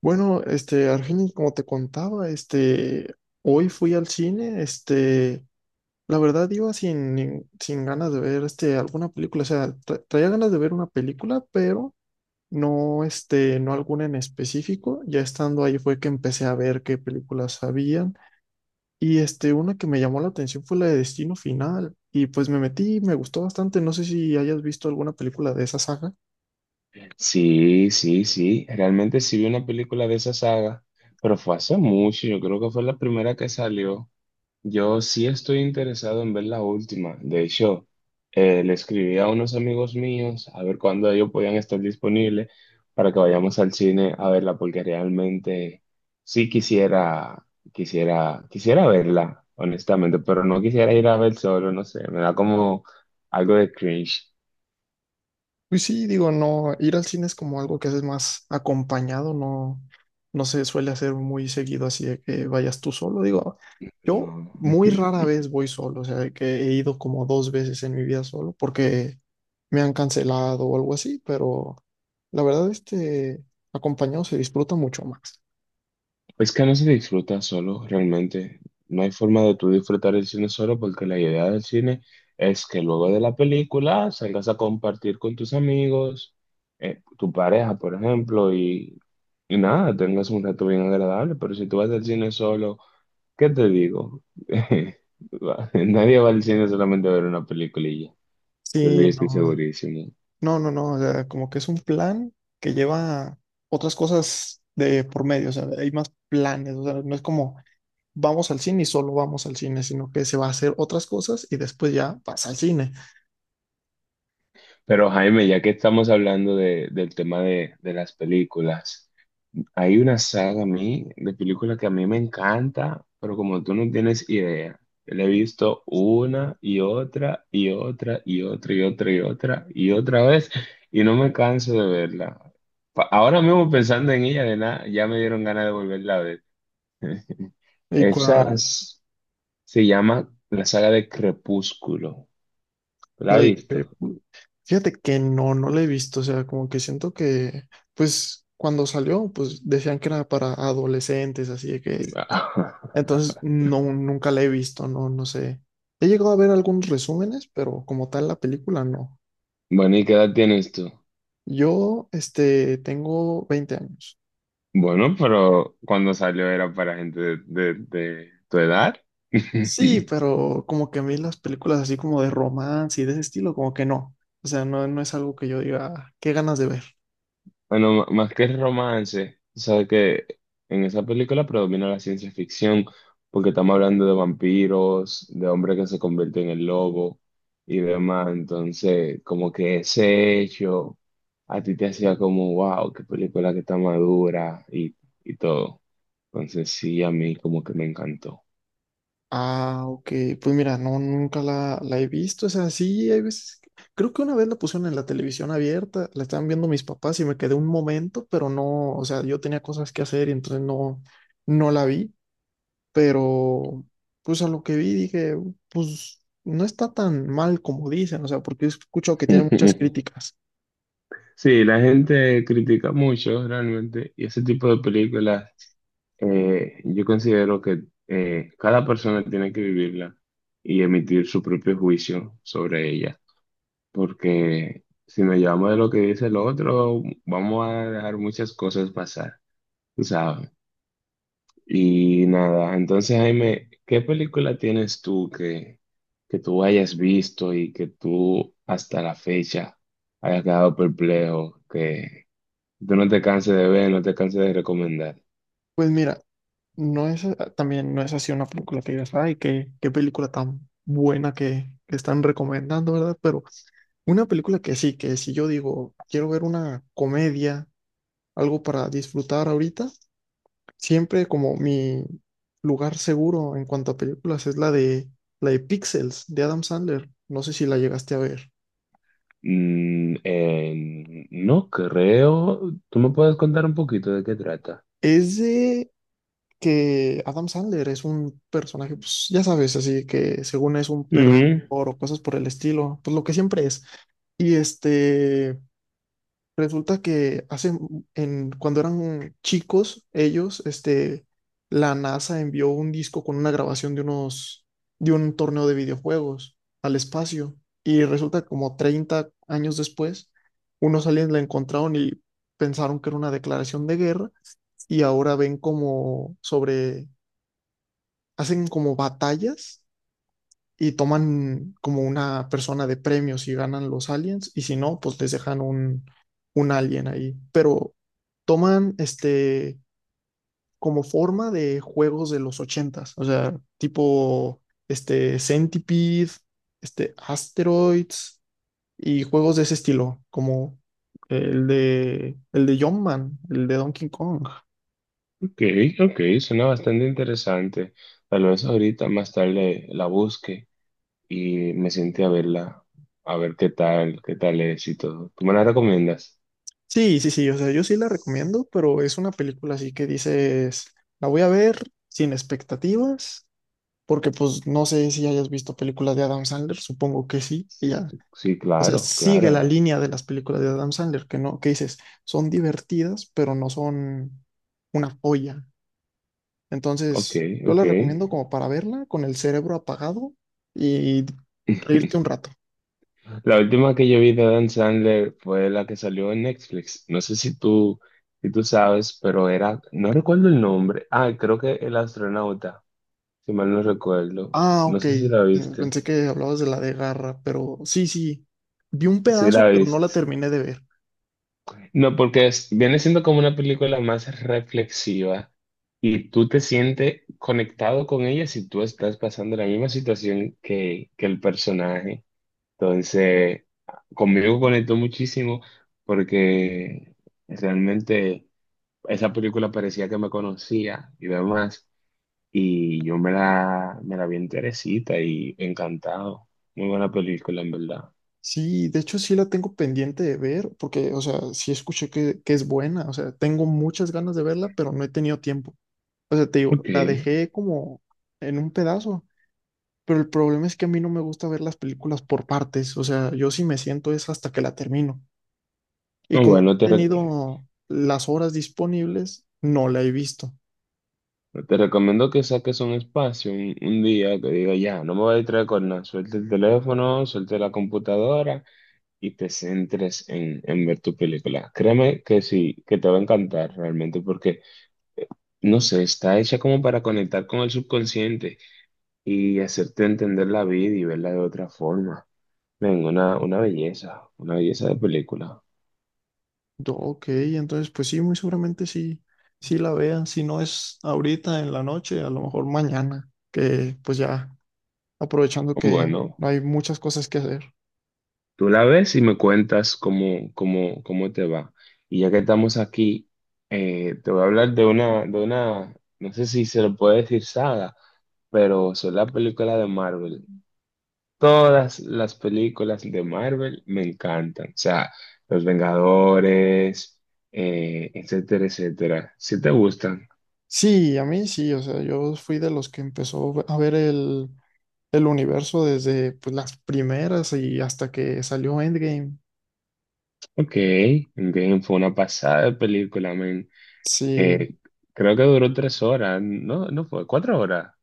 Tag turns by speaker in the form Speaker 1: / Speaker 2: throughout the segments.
Speaker 1: Bueno, Argenis, como te contaba, hoy fui al cine. La verdad iba sin ganas de ver, alguna película. O sea, traía ganas de ver una película, pero no, no alguna en específico. Ya estando ahí fue que empecé a ver qué películas habían. Y una que me llamó la atención fue la de Destino Final, y pues me metí, me gustó bastante. No sé si hayas visto alguna película de esa saga.
Speaker 2: Sí, sí, sí. Realmente sí vi una película de esa saga, pero fue hace mucho. Yo creo que fue la primera que salió. Yo sí estoy interesado en ver la última. De hecho, le escribí a unos amigos míos a ver cuándo ellos podían estar disponibles para que vayamos al cine a verla, porque realmente sí quisiera, quisiera, quisiera verla, honestamente, pero no quisiera ir a ver solo, no sé. Me da como algo de cringe.
Speaker 1: Pues sí, digo, no, ir al cine es como algo que haces más acompañado. No, no se suele hacer muy seguido así de que vayas tú solo. Digo, yo
Speaker 2: No.
Speaker 1: muy rara vez voy solo. O sea, de que he ido como dos veces en mi vida solo porque me han cancelado o algo así, pero la verdad, acompañado se disfruta mucho más.
Speaker 2: Es que no se disfruta solo, realmente. No hay forma de tú disfrutar el cine solo porque la idea del cine es que luego de la película salgas a compartir con tus amigos, tu pareja, por ejemplo, y nada, tengas un rato bien agradable. Pero si tú vas al cine solo, ¿qué te digo? Nadie va al cine solamente a ver una peliculilla. De eso yo
Speaker 1: Sí,
Speaker 2: estoy
Speaker 1: no,
Speaker 2: segurísimo.
Speaker 1: no, no, no, o sea, como que es un plan que lleva otras cosas de por medio. O sea, hay más planes. O sea, no es como vamos al cine y solo vamos al cine, sino que se va a hacer otras cosas y después ya vas al cine.
Speaker 2: Pero Jaime, ya que estamos hablando del tema de las películas. Hay una saga a mí de película que a mí me encanta, pero como tú no tienes idea, la he visto una y otra y otra y otra y otra y otra y otra vez y no me canso de verla. Ahora mismo pensando en ella de nada, ya me dieron ganas de volverla a ver.
Speaker 1: Y
Speaker 2: Esa
Speaker 1: cua-
Speaker 2: s- Se llama la saga de Crepúsculo. ¿La has
Speaker 1: le- eh,
Speaker 2: visto?
Speaker 1: fíjate que no, no la he visto. O sea, como que siento que, pues, cuando salió, pues decían que era para adolescentes, así de que, entonces, no, nunca la he visto. No, no sé. He llegado a ver algunos resúmenes, pero como tal la película no.
Speaker 2: Bueno, ¿y qué edad tienes tú?
Speaker 1: Yo, tengo 20 años.
Speaker 2: Bueno, pero cuando salió era para gente de tu edad.
Speaker 1: Sí, pero como que a mí las películas así como de romance y de ese estilo, como que no. O sea, no, no es algo que yo diga, "Ah, qué ganas de ver".
Speaker 2: Bueno, más que el romance, tú sabes que en esa película predomina la ciencia ficción, porque estamos hablando de vampiros, de hombres que se convierten en lobo y demás. Entonces, como que ese hecho a ti te hacía como, wow, qué película que está madura y todo. Entonces, sí, a mí como que me encantó.
Speaker 1: Ah, ok, pues mira, no, nunca la he visto. O sea, sí, hay veces. Creo que una vez la pusieron en la televisión abierta, la estaban viendo mis papás y me quedé un momento, pero no. O sea, yo tenía cosas que hacer y entonces no, no la vi. Pero, pues a lo que vi dije, pues no está tan mal como dicen. O sea, porque he escuchado que tiene muchas críticas.
Speaker 2: Sí, la gente critica mucho realmente y ese tipo de películas. Yo considero que cada persona tiene que vivirla y emitir su propio juicio sobre ella, porque si nos llevamos de lo que dice el otro, vamos a dejar muchas cosas pasar, tú ¿sabes? Y nada, entonces Jaime, ¿qué película tienes tú que tú hayas visto y que tú hasta la fecha hayas quedado perplejo, que tú no te canses de ver, no te canses de recomendar?
Speaker 1: Pues mira, también no es así una película que digas, ay, qué película tan buena que están recomendando, ¿verdad? Pero una película que sí, que si yo digo, quiero ver una comedia, algo para disfrutar ahorita, siempre como mi lugar seguro en cuanto a películas es la de Pixels, de Adam Sandler. No sé si la llegaste a ver.
Speaker 2: No creo. ¿Tú me puedes contar un poquito de qué trata?
Speaker 1: Es de que Adam Sandler es un personaje, pues ya sabes, así que según es un perdedor
Speaker 2: Mm,
Speaker 1: o cosas por el estilo, pues lo que siempre es. Y resulta que hace, cuando eran chicos, ellos, la NASA envió un disco con una grabación de un torneo de videojuegos al espacio. Y resulta que como 30 años después, unos aliens la encontraron y pensaron que era una declaración de guerra. Y ahora ven como sobre, hacen como batallas y toman como una persona de premios si ganan los aliens y si no, pues les dejan un, alien ahí. Pero toman como forma de juegos de los 80. O sea, tipo Centipede, Asteroids y juegos de ese estilo, como el de Jumpman, el de Donkey Kong.
Speaker 2: ok, ok, suena bastante interesante. Tal vez ahorita más tarde la busque y me siente a verla, a ver qué tal es y todo. ¿Tú me la recomiendas?
Speaker 1: Sí, sí, sí, o sea, yo sí la recomiendo, pero es una película así que dices, la voy a ver sin expectativas porque pues no sé si hayas visto películas de Adam Sandler, supongo que sí, y ya.
Speaker 2: Sí,
Speaker 1: O sea,
Speaker 2: claro,
Speaker 1: sigue la
Speaker 2: claro.
Speaker 1: línea de las películas de Adam Sandler, que no, que dices, son divertidas, pero no son una joya.
Speaker 2: Ok,
Speaker 1: Entonces, yo la
Speaker 2: ok.
Speaker 1: recomiendo como para verla con el cerebro apagado y reírte un rato.
Speaker 2: La última que yo vi de Adam Sandler fue la que salió en Netflix. No sé si tú sabes, pero era, no recuerdo el nombre. Ah, creo que El Astronauta, si mal no recuerdo.
Speaker 1: Ah,
Speaker 2: No
Speaker 1: ok.
Speaker 2: sé si la viste.
Speaker 1: Pensé que hablabas de la de Garra, pero sí, sí. Vi un
Speaker 2: Sí
Speaker 1: pedazo,
Speaker 2: la
Speaker 1: pero no la
Speaker 2: viste.
Speaker 1: terminé de ver.
Speaker 2: No, porque viene siendo como una película más reflexiva y tú te sientes conectado con ella si tú estás pasando la misma situación que el personaje. Entonces, conmigo conectó muchísimo porque realmente esa película parecía que me conocía y demás. Y yo me la vi enterecita y encantado. Muy buena película, en verdad.
Speaker 1: Sí, de hecho sí la tengo pendiente de ver, porque, o sea, sí escuché que es buena. O sea, tengo muchas ganas de verla, pero no he tenido tiempo. O sea, te digo,
Speaker 2: Ok.
Speaker 1: la dejé como en un pedazo, pero el problema es que a mí no me gusta ver las películas por partes. O sea, yo sí me siento es hasta que la termino. Y
Speaker 2: No,
Speaker 1: como no
Speaker 2: bueno,
Speaker 1: he tenido las horas disponibles, no la he visto.
Speaker 2: te recomiendo que saques un espacio, un día que diga ya, no me voy a distraer con nada. Suelte el teléfono, suelte la computadora y te centres en ver tu película. Créeme que sí, que te va a encantar realmente porque no sé, está hecha como para conectar con el subconsciente y hacerte entender la vida y verla de otra forma. Venga, una belleza de película.
Speaker 1: Yo, ok, entonces pues sí, muy seguramente sí, sí la vean, si no es ahorita en la noche, a lo mejor mañana, que pues ya aprovechando que
Speaker 2: Bueno,
Speaker 1: hay muchas cosas que hacer.
Speaker 2: tú la ves y me cuentas cómo, cómo, cómo te va. Y ya que estamos aquí, te voy a hablar de una, no sé si se lo puede decir saga, pero son las películas de Marvel. Todas las películas de Marvel me encantan. O sea, Los Vengadores, etcétera, etcétera. Si te gustan.
Speaker 1: Sí, a mí sí, o sea, yo fui de los que empezó a ver el universo desde pues, las primeras y hasta que salió Endgame.
Speaker 2: Ok, Endgame fue una pasada de película, men.
Speaker 1: Sí,
Speaker 2: Eh, Creo que duró 3 horas. No, no fue, 4 horas.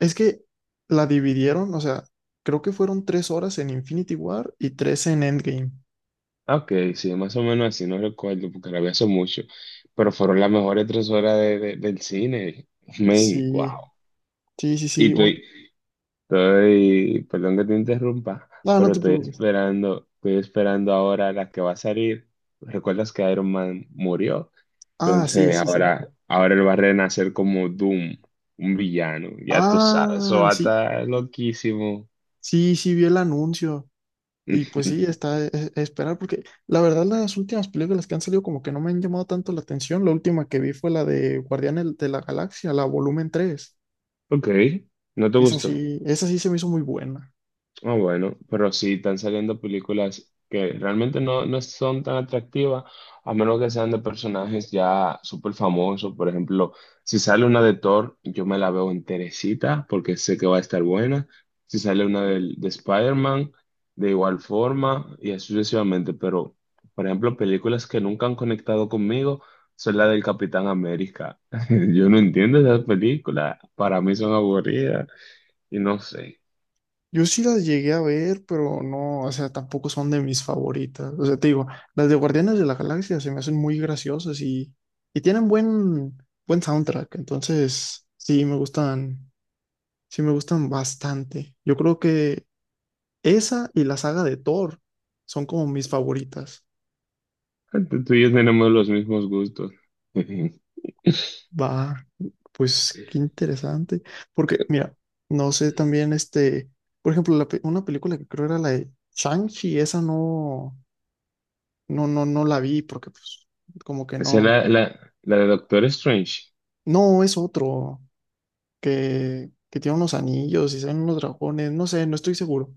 Speaker 1: es que la dividieron. O sea, creo que fueron 3 horas en Infinity War y tres en Endgame.
Speaker 2: Ah, ok, sí, más o menos así, no recuerdo porque la vi hace mucho. Pero fueron las mejores 3 horas del cine. Men, wow.
Speaker 1: Sí, sí, sí, sí.
Speaker 2: ¿Y tú, Estoy, perdón que te interrumpa,
Speaker 1: No, no
Speaker 2: pero
Speaker 1: te preocupes.
Speaker 2: estoy esperando ahora la que va a salir. ¿Recuerdas que Iron Man murió?
Speaker 1: Ah, sí,
Speaker 2: Entonces
Speaker 1: sí, sí.
Speaker 2: ahora, ahora él va a renacer como Doom, un villano. Ya tú sabes, eso
Speaker 1: Ah,
Speaker 2: va a
Speaker 1: sí,
Speaker 2: estar loquísimo.
Speaker 1: sí, sí, vi el anuncio. Y pues sí, está esperar, porque la verdad las últimas películas que han salido como que no me han llamado tanto la atención. La última que vi fue la de Guardianes de la Galaxia, la volumen tres.
Speaker 2: Ok, ¿no te gustó?
Speaker 1: Esa sí se me hizo muy buena.
Speaker 2: Ah, bueno, pero sí están saliendo películas que realmente no, no son tan atractivas, a menos que sean de personajes ya súper famosos. Por ejemplo, si sale una de Thor, yo me la veo enterecita porque sé que va a estar buena. Si sale una Spider-Man, de igual forma y así sucesivamente. Pero, por ejemplo, películas que nunca han conectado conmigo son la del Capitán América. Yo no entiendo esas películas, para mí son aburridas y no sé.
Speaker 1: Yo sí las llegué a ver, pero no, o sea, tampoco son de mis favoritas. O sea, te digo, las de Guardianes de la Galaxia se me hacen muy graciosas y tienen buen soundtrack. Entonces, sí me gustan bastante. Yo creo que esa y la saga de Thor son como mis favoritas.
Speaker 2: Tú tú y yo tenemos los mismos gustos.
Speaker 1: Va, pues qué interesante. Porque, mira, no sé también por ejemplo, la una película que creo era la de Shang-Chi, esa no, no, no, no la vi porque pues como que
Speaker 2: Esa es
Speaker 1: no.
Speaker 2: la de Doctor Strange.
Speaker 1: No, es otro que tiene unos anillos y salen unos dragones, no sé, no estoy seguro.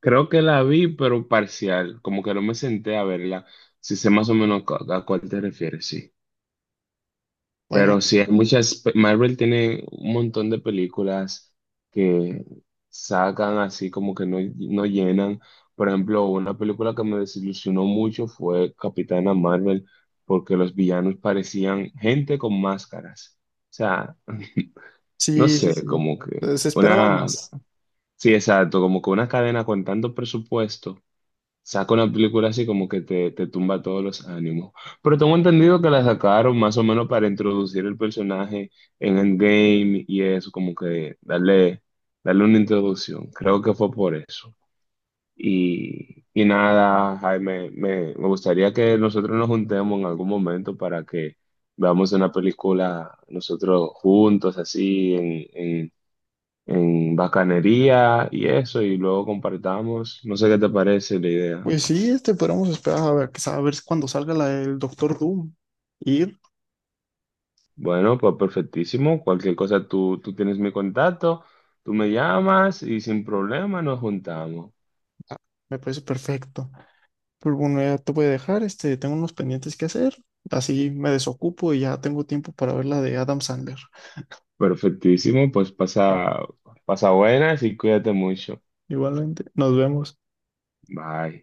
Speaker 2: Creo que la vi, pero parcial. Como que no me senté a verla. Si sé más o menos a cuál te refieres, sí.
Speaker 1: Bueno,
Speaker 2: Pero sí, hay muchas. Marvel tiene un montón de películas que sacan así como que no, no llenan. Por ejemplo, una película que me desilusionó mucho fue Capitana Marvel, porque los villanos parecían gente con máscaras. O sea, no
Speaker 1: sí, sí,
Speaker 2: sé,
Speaker 1: sí.
Speaker 2: como que
Speaker 1: Se esperaba
Speaker 2: una,
Speaker 1: más.
Speaker 2: sí, exacto, como que una cadena con tanto presupuesto saca una película así como que te tumba todos los ánimos. Pero tengo entendido que la sacaron más o menos para introducir el personaje en Endgame y eso, como que darle, darle una introducción. Creo que fue por eso. Y nada, Jaime, me gustaría que nosotros nos juntemos en algún momento para que veamos una película nosotros juntos, así, en, en bacanería y eso, y luego compartamos. No sé qué te parece la idea.
Speaker 1: Pues sí, podríamos esperar a ver, a ver cuando salga la del Doctor Doom. Ir,
Speaker 2: Bueno, pues perfectísimo. Cualquier cosa, tú tienes mi contacto, tú me llamas y sin problema nos juntamos.
Speaker 1: Ah, me parece perfecto. Pues bueno, ya te voy a dejar, tengo unos pendientes que hacer, así me desocupo y ya tengo tiempo para ver la de Adam Sandler.
Speaker 2: Perfectísimo, pues
Speaker 1: Va,
Speaker 2: pasa, pasa buenas y cuídate mucho.
Speaker 1: igualmente, nos vemos.
Speaker 2: Bye.